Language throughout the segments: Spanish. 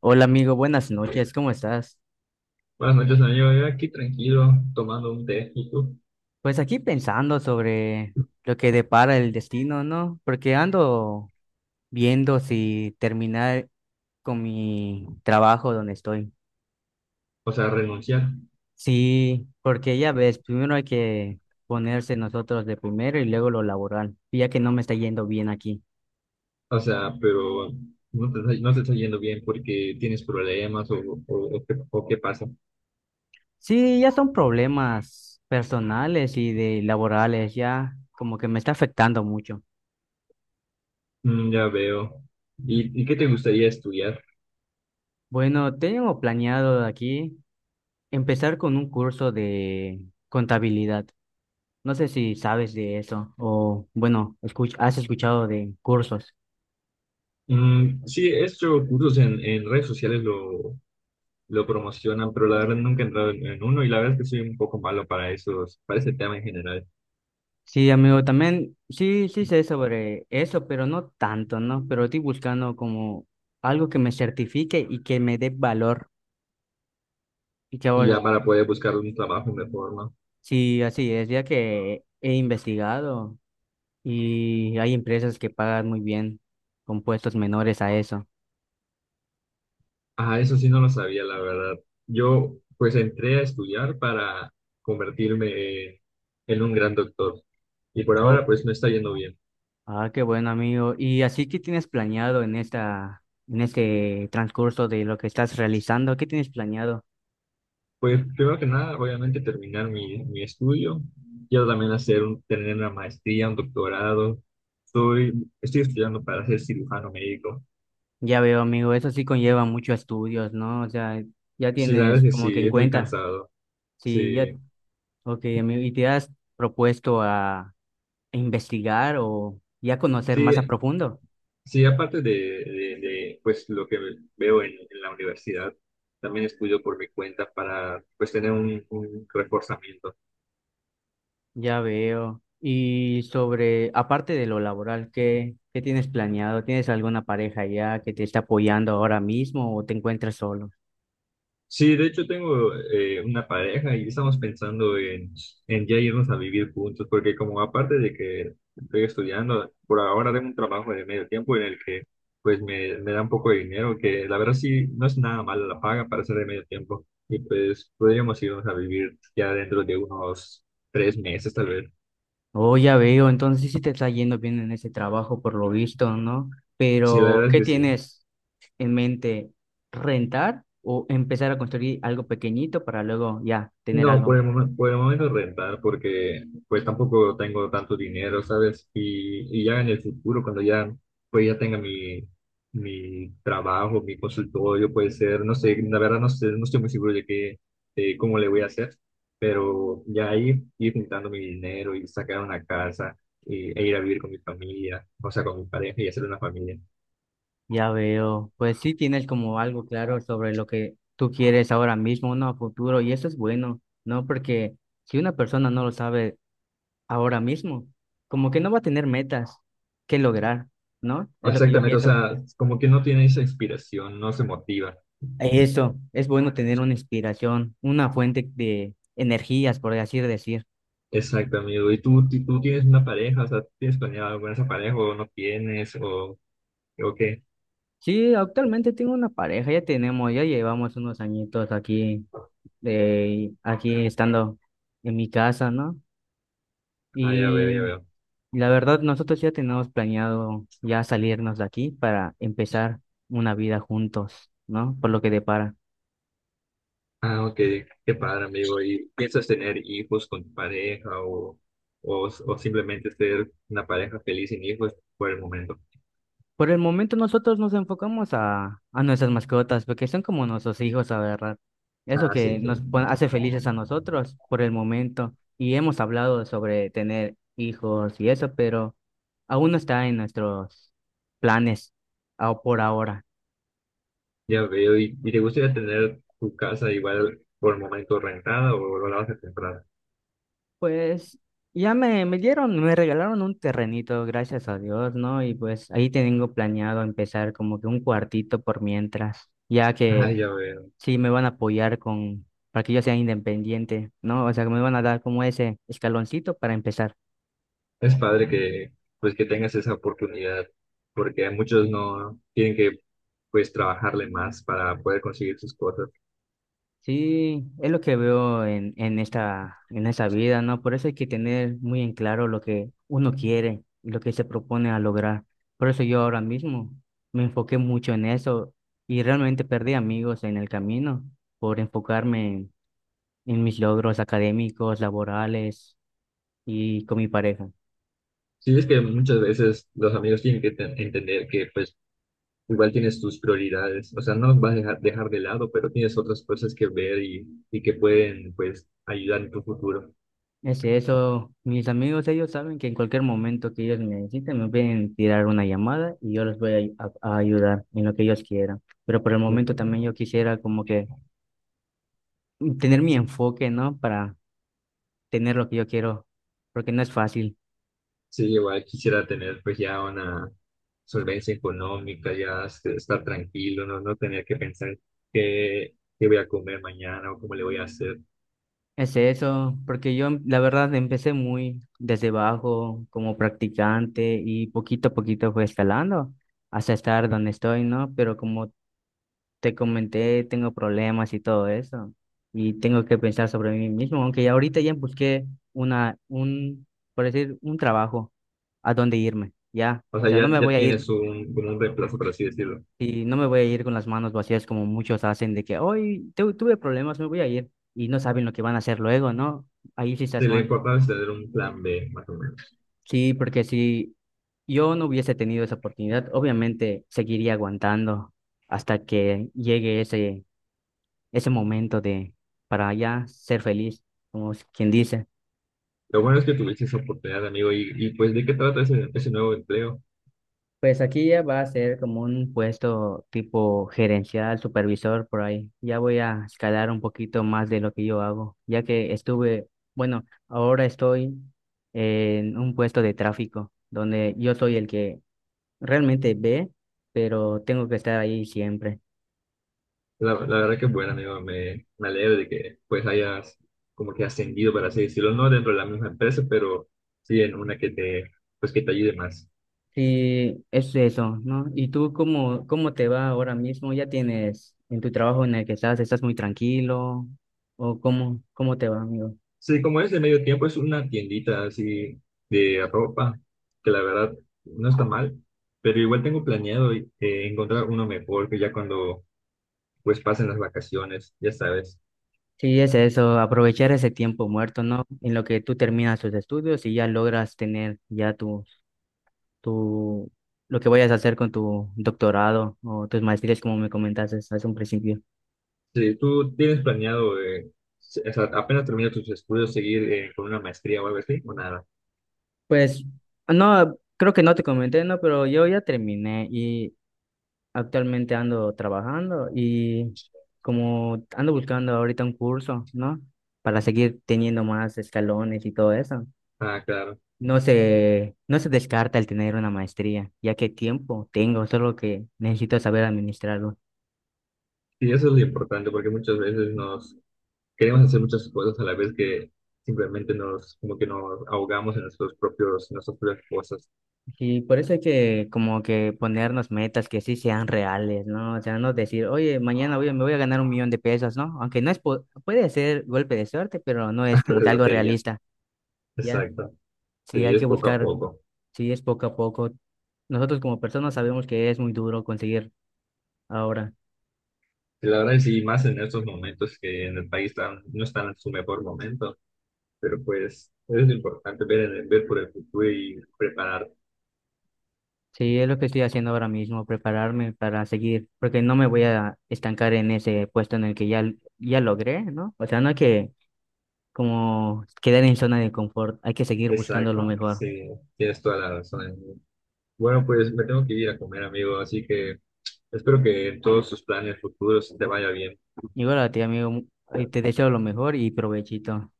Hola amigo, buenas noches, ¿cómo estás? Buenas noches, amigo. Yo aquí tranquilo, tomando un té, ¿y tú? Pues aquí pensando sobre lo que depara el destino, ¿no? Porque ando viendo si terminar con mi trabajo donde estoy. O sea, renunciar. Sí, porque ya ves, primero hay que ponerse nosotros de primero y luego lo laboral, y ya que no me está yendo bien aquí. O sea, pero no te está yendo bien porque tienes problemas o o qué pasa. Sí, ya son problemas personales y de laborales, ya como que me está afectando mucho. Mm, ya veo. ¿Y qué te gustaría estudiar? Bueno, tengo planeado aquí. Empezar con un curso de contabilidad. No sé si sabes de eso o, bueno, has escuchado de cursos. Mm, sí, he hecho cursos en redes sociales, lo promocionan, pero la verdad nunca he entrado en uno y la verdad es que soy un poco malo para para ese tema en general. Sí, amigo, también sí, sé sobre eso, pero no tanto, ¿no? Pero estoy buscando como algo que me certifique y que me dé valor. Y que Y ahora ya para poder buscar un trabajo me forma. sí, así es, ya que he investigado y hay empresas que pagan muy bien con puestos menores a eso. Ah, eso sí no lo sabía, la verdad. Yo pues entré a estudiar para convertirme en un gran doctor y por ahora O pues me está yendo bien. Ah, qué bueno, amigo. ¿Y así qué tienes planeado en esta, en este transcurso de lo que estás realizando? ¿Qué tienes planeado? Pues primero que nada, obviamente terminar mi estudio. Quiero también tener una maestría, un doctorado. Estoy, estoy estudiando para ser cirujano médico. Ya veo, amigo, eso sí conlleva muchos estudios, ¿no? O sea, ya Sí, la tienes verdad es que como que sí, en es muy cuenta. cansado. Sí, ya, Sí, ok, amigo. ¿Y te has propuesto a investigar o ya conocer más a sí, profundo? sí, aparte de pues lo que veo en la universidad, también estudio por mi cuenta para pues tener un reforzamiento. Ya veo. Y sobre, aparte de lo laboral, ¿qué, tienes planeado? ¿Tienes alguna pareja ya que te está apoyando ahora mismo o te encuentras solo? Sí, de hecho tengo una pareja y estamos pensando en ya irnos a vivir juntos, porque como aparte de que estoy estudiando, por ahora tengo un trabajo de medio tiempo en el que pues me da un poco de dinero, que la verdad sí no es nada mala la paga para ser de medio tiempo, y pues podríamos irnos a vivir ya dentro de unos 3 meses tal vez. Oh, ya veo, entonces sí te está yendo bien en ese trabajo por lo visto, ¿no? Sí, la Pero, verdad es ¿qué que sí. tienes en mente? ¿Rentar o empezar a construir algo pequeñito para luego ya tener No, algo? Por el momento rentar, porque pues tampoco tengo tanto dinero, ¿sabes? Y ya en el futuro, cuando ya, pues ya tenga mi trabajo, mi consultorio, puede ser, no sé, la verdad no sé, no estoy muy seguro de qué, de cómo le voy a hacer, pero ya ahí ir juntando mi dinero y sacar una casa y, e ir a vivir con mi familia, o sea, con mi pareja y hacer una familia. Ya veo, pues sí tienes como algo claro sobre lo que tú quieres ahora mismo, ¿no? A futuro, y eso es bueno, ¿no? Porque si una persona no lo sabe ahora mismo, como que no va a tener metas que lograr, ¿no? Es lo que yo Exactamente, o pienso. sea, como que no tiene esa inspiración, no se motiva. Eso, es bueno tener una inspiración, una fuente de energías, por así decir. Exacto, amigo. ¿Y tú, tú tienes una pareja? O sea, ¿tienes planeado algo con esa pareja o no tienes? O qué? Sí, actualmente tengo una pareja, ya tenemos, ya llevamos unos añitos aquí, de, aquí estando en mi casa, ¿no? Ah, ya veo, ya Y veo. la verdad, nosotros ya tenemos planeado ya salirnos de aquí para empezar una vida juntos, ¿no? Por lo que depara. Ah, ok. Qué padre, amigo. ¿Y piensas tener hijos con tu pareja o simplemente ser una pareja feliz sin hijos por el momento? Por el momento nosotros nos enfocamos a nuestras mascotas, porque son como nuestros hijos, la verdad. Es lo Ah, que sí, sí. Hace felices a nosotros por el momento. Y hemos hablado sobre tener hijos y eso, pero aún no está en nuestros planes por ahora. Ya veo. ¿Y te gustaría tener tu casa igual por el momento rentada o lo vas a comprar? Pues ya me dieron, me regalaron un terrenito, gracias a Dios, ¿no? Y pues ahí tengo planeado empezar como que un cuartito por mientras, ya Ah, que ya veo. sí me van a apoyar con, para que yo sea independiente, ¿no? O sea, que me van a dar como ese escaloncito para empezar. Es padre que pues que tengas esa oportunidad, porque muchos no tienen que pues trabajarle más para poder conseguir sus cosas. Sí, es lo que veo en esta vida, ¿no? Por eso hay que tener muy en claro lo que uno quiere y lo que se propone a lograr. Por eso yo ahora mismo me enfoqué mucho en eso y realmente perdí amigos en el camino por enfocarme en mis logros académicos, laborales y con mi pareja. Sí, es que muchas veces los amigos tienen que entender que pues igual tienes tus prioridades, o sea, no los vas a dejar de lado, pero tienes otras cosas que ver y que pueden pues ayudar en tu futuro. Es eso, mis amigos, ellos saben que en cualquier momento que ellos me necesiten, me pueden tirar una llamada y yo les voy a, ayudar en lo que ellos quieran. Pero por el momento también yo quisiera como que tener mi enfoque, ¿no? Para tener lo que yo quiero, porque no es fácil. Sí, igual quisiera tener pues ya una solvencia económica, ya estar tranquilo, no tener que pensar qué, qué voy a comer mañana o cómo le voy a hacer. Es eso, porque yo la verdad empecé muy desde abajo como practicante y poquito a poquito fue escalando hasta estar donde estoy, ¿no? Pero como te comenté, tengo problemas y todo eso, y tengo que pensar sobre mí mismo, aunque ya ahorita ya busqué una, un, por decir, un trabajo a dónde irme, ya, O o sea, sea, no ya, me ya voy a ir, tienes un, como un reemplazo, por así decirlo. y no me voy a ir con las manos vacías como muchos hacen, de que hoy tuve problemas, me voy a ir, y no saben lo que van a hacer luego, ¿no? Ahí sí estás Sí, lo mal, importante es tener un plan B, más o menos. sí, porque si yo no hubiese tenido esa oportunidad, obviamente seguiría aguantando hasta que llegue ese momento de para ya ser feliz, como es quien dice. Lo bueno es que tuviste esa oportunidad, amigo, y pues ¿de qué trata ese nuevo empleo? Pues aquí ya va a ser como un puesto tipo gerencial, supervisor por ahí. Ya voy a escalar un poquito más de lo que yo hago, ya que estuve, bueno, ahora estoy en un puesto de tráfico, donde yo soy el que realmente ve, pero tengo que estar ahí siempre. La verdad que bueno, amigo, me alegro de que pues hayas como que ascendido, por así decirlo, no dentro de la misma empresa, pero sí en una que te, pues, que te ayude más. Sí, es eso, ¿no? ¿Y tú cómo, te va ahora mismo? ¿Ya tienes en tu trabajo en el que estás, estás muy tranquilo? ¿O cómo, te va, amigo? Sí, como es de medio tiempo, es una tiendita así de ropa, que la verdad no está mal, pero igual tengo planeado encontrar uno mejor que ya cuando pues pasen las vacaciones, ya sabes. Sí, es eso, aprovechar ese tiempo muerto, ¿no? En lo que tú terminas tus estudios y ya logras tener ya tu, lo que vayas a hacer con tu doctorado o tus maestrías, como me comentaste hace un principio. Sí, ¿tú tienes planeado, o sea, apenas terminas tus estudios, seguir con una maestría o algo así, o nada? Pues, no, creo que no te comenté, ¿no? Pero yo ya terminé. Actualmente ando trabajando y como ando buscando ahorita un curso, ¿no? Para seguir teniendo más escalones y todo eso. Ah, claro. No se, no se descarta el tener una maestría, ya que tiempo tengo, solo que necesito saber administrarlo. Sí, eso es lo importante, porque muchas veces nos queremos hacer muchas cosas a la vez que simplemente nos, como que nos ahogamos en nuestros propios, en nuestras propias cosas. Y por eso hay que como que ponernos metas que sí sean reales, ¿no? O sea, no decir, oye, mañana me voy a ganar un millón de pesos, ¿no? Aunque no es, puede ser golpe de suerte, pero no es como De que algo lotería. realista, ¿ya? Exacto. Sí, Sí, hay es que poco a buscar. poco. Sí, es poco a poco. Nosotros como personas sabemos que es muy duro conseguir ahora. Y la verdad es sí, más en estos momentos que en el país no están en su mejor momento, pero pues es importante ver, ver por el futuro y preparar. Sí, es lo que estoy haciendo ahora mismo, prepararme para seguir, porque no me voy a estancar en ese puesto en el que ya, ya logré, ¿no? O sea, no hay que como quedar en zona de confort, hay que seguir buscando lo Exacto, mejor. sí, tienes toda la razón, amigo. Bueno, pues me tengo que ir a comer, amigo, así que espero que en todos tus planes futuros te vaya bien. Igual a ti, amigo, mu- y te deseo lo mejor y provechito.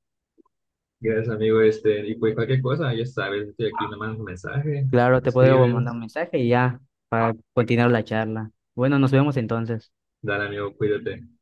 Gracias, amigo, este, y pues cualquier cosa, ya sabes, estoy aquí, me mandas un mensaje, Claro, me te puedo escribes, mandar un mensaje y ya para continuar la charla. Bueno, nos vemos entonces. dale, amigo, cuídate.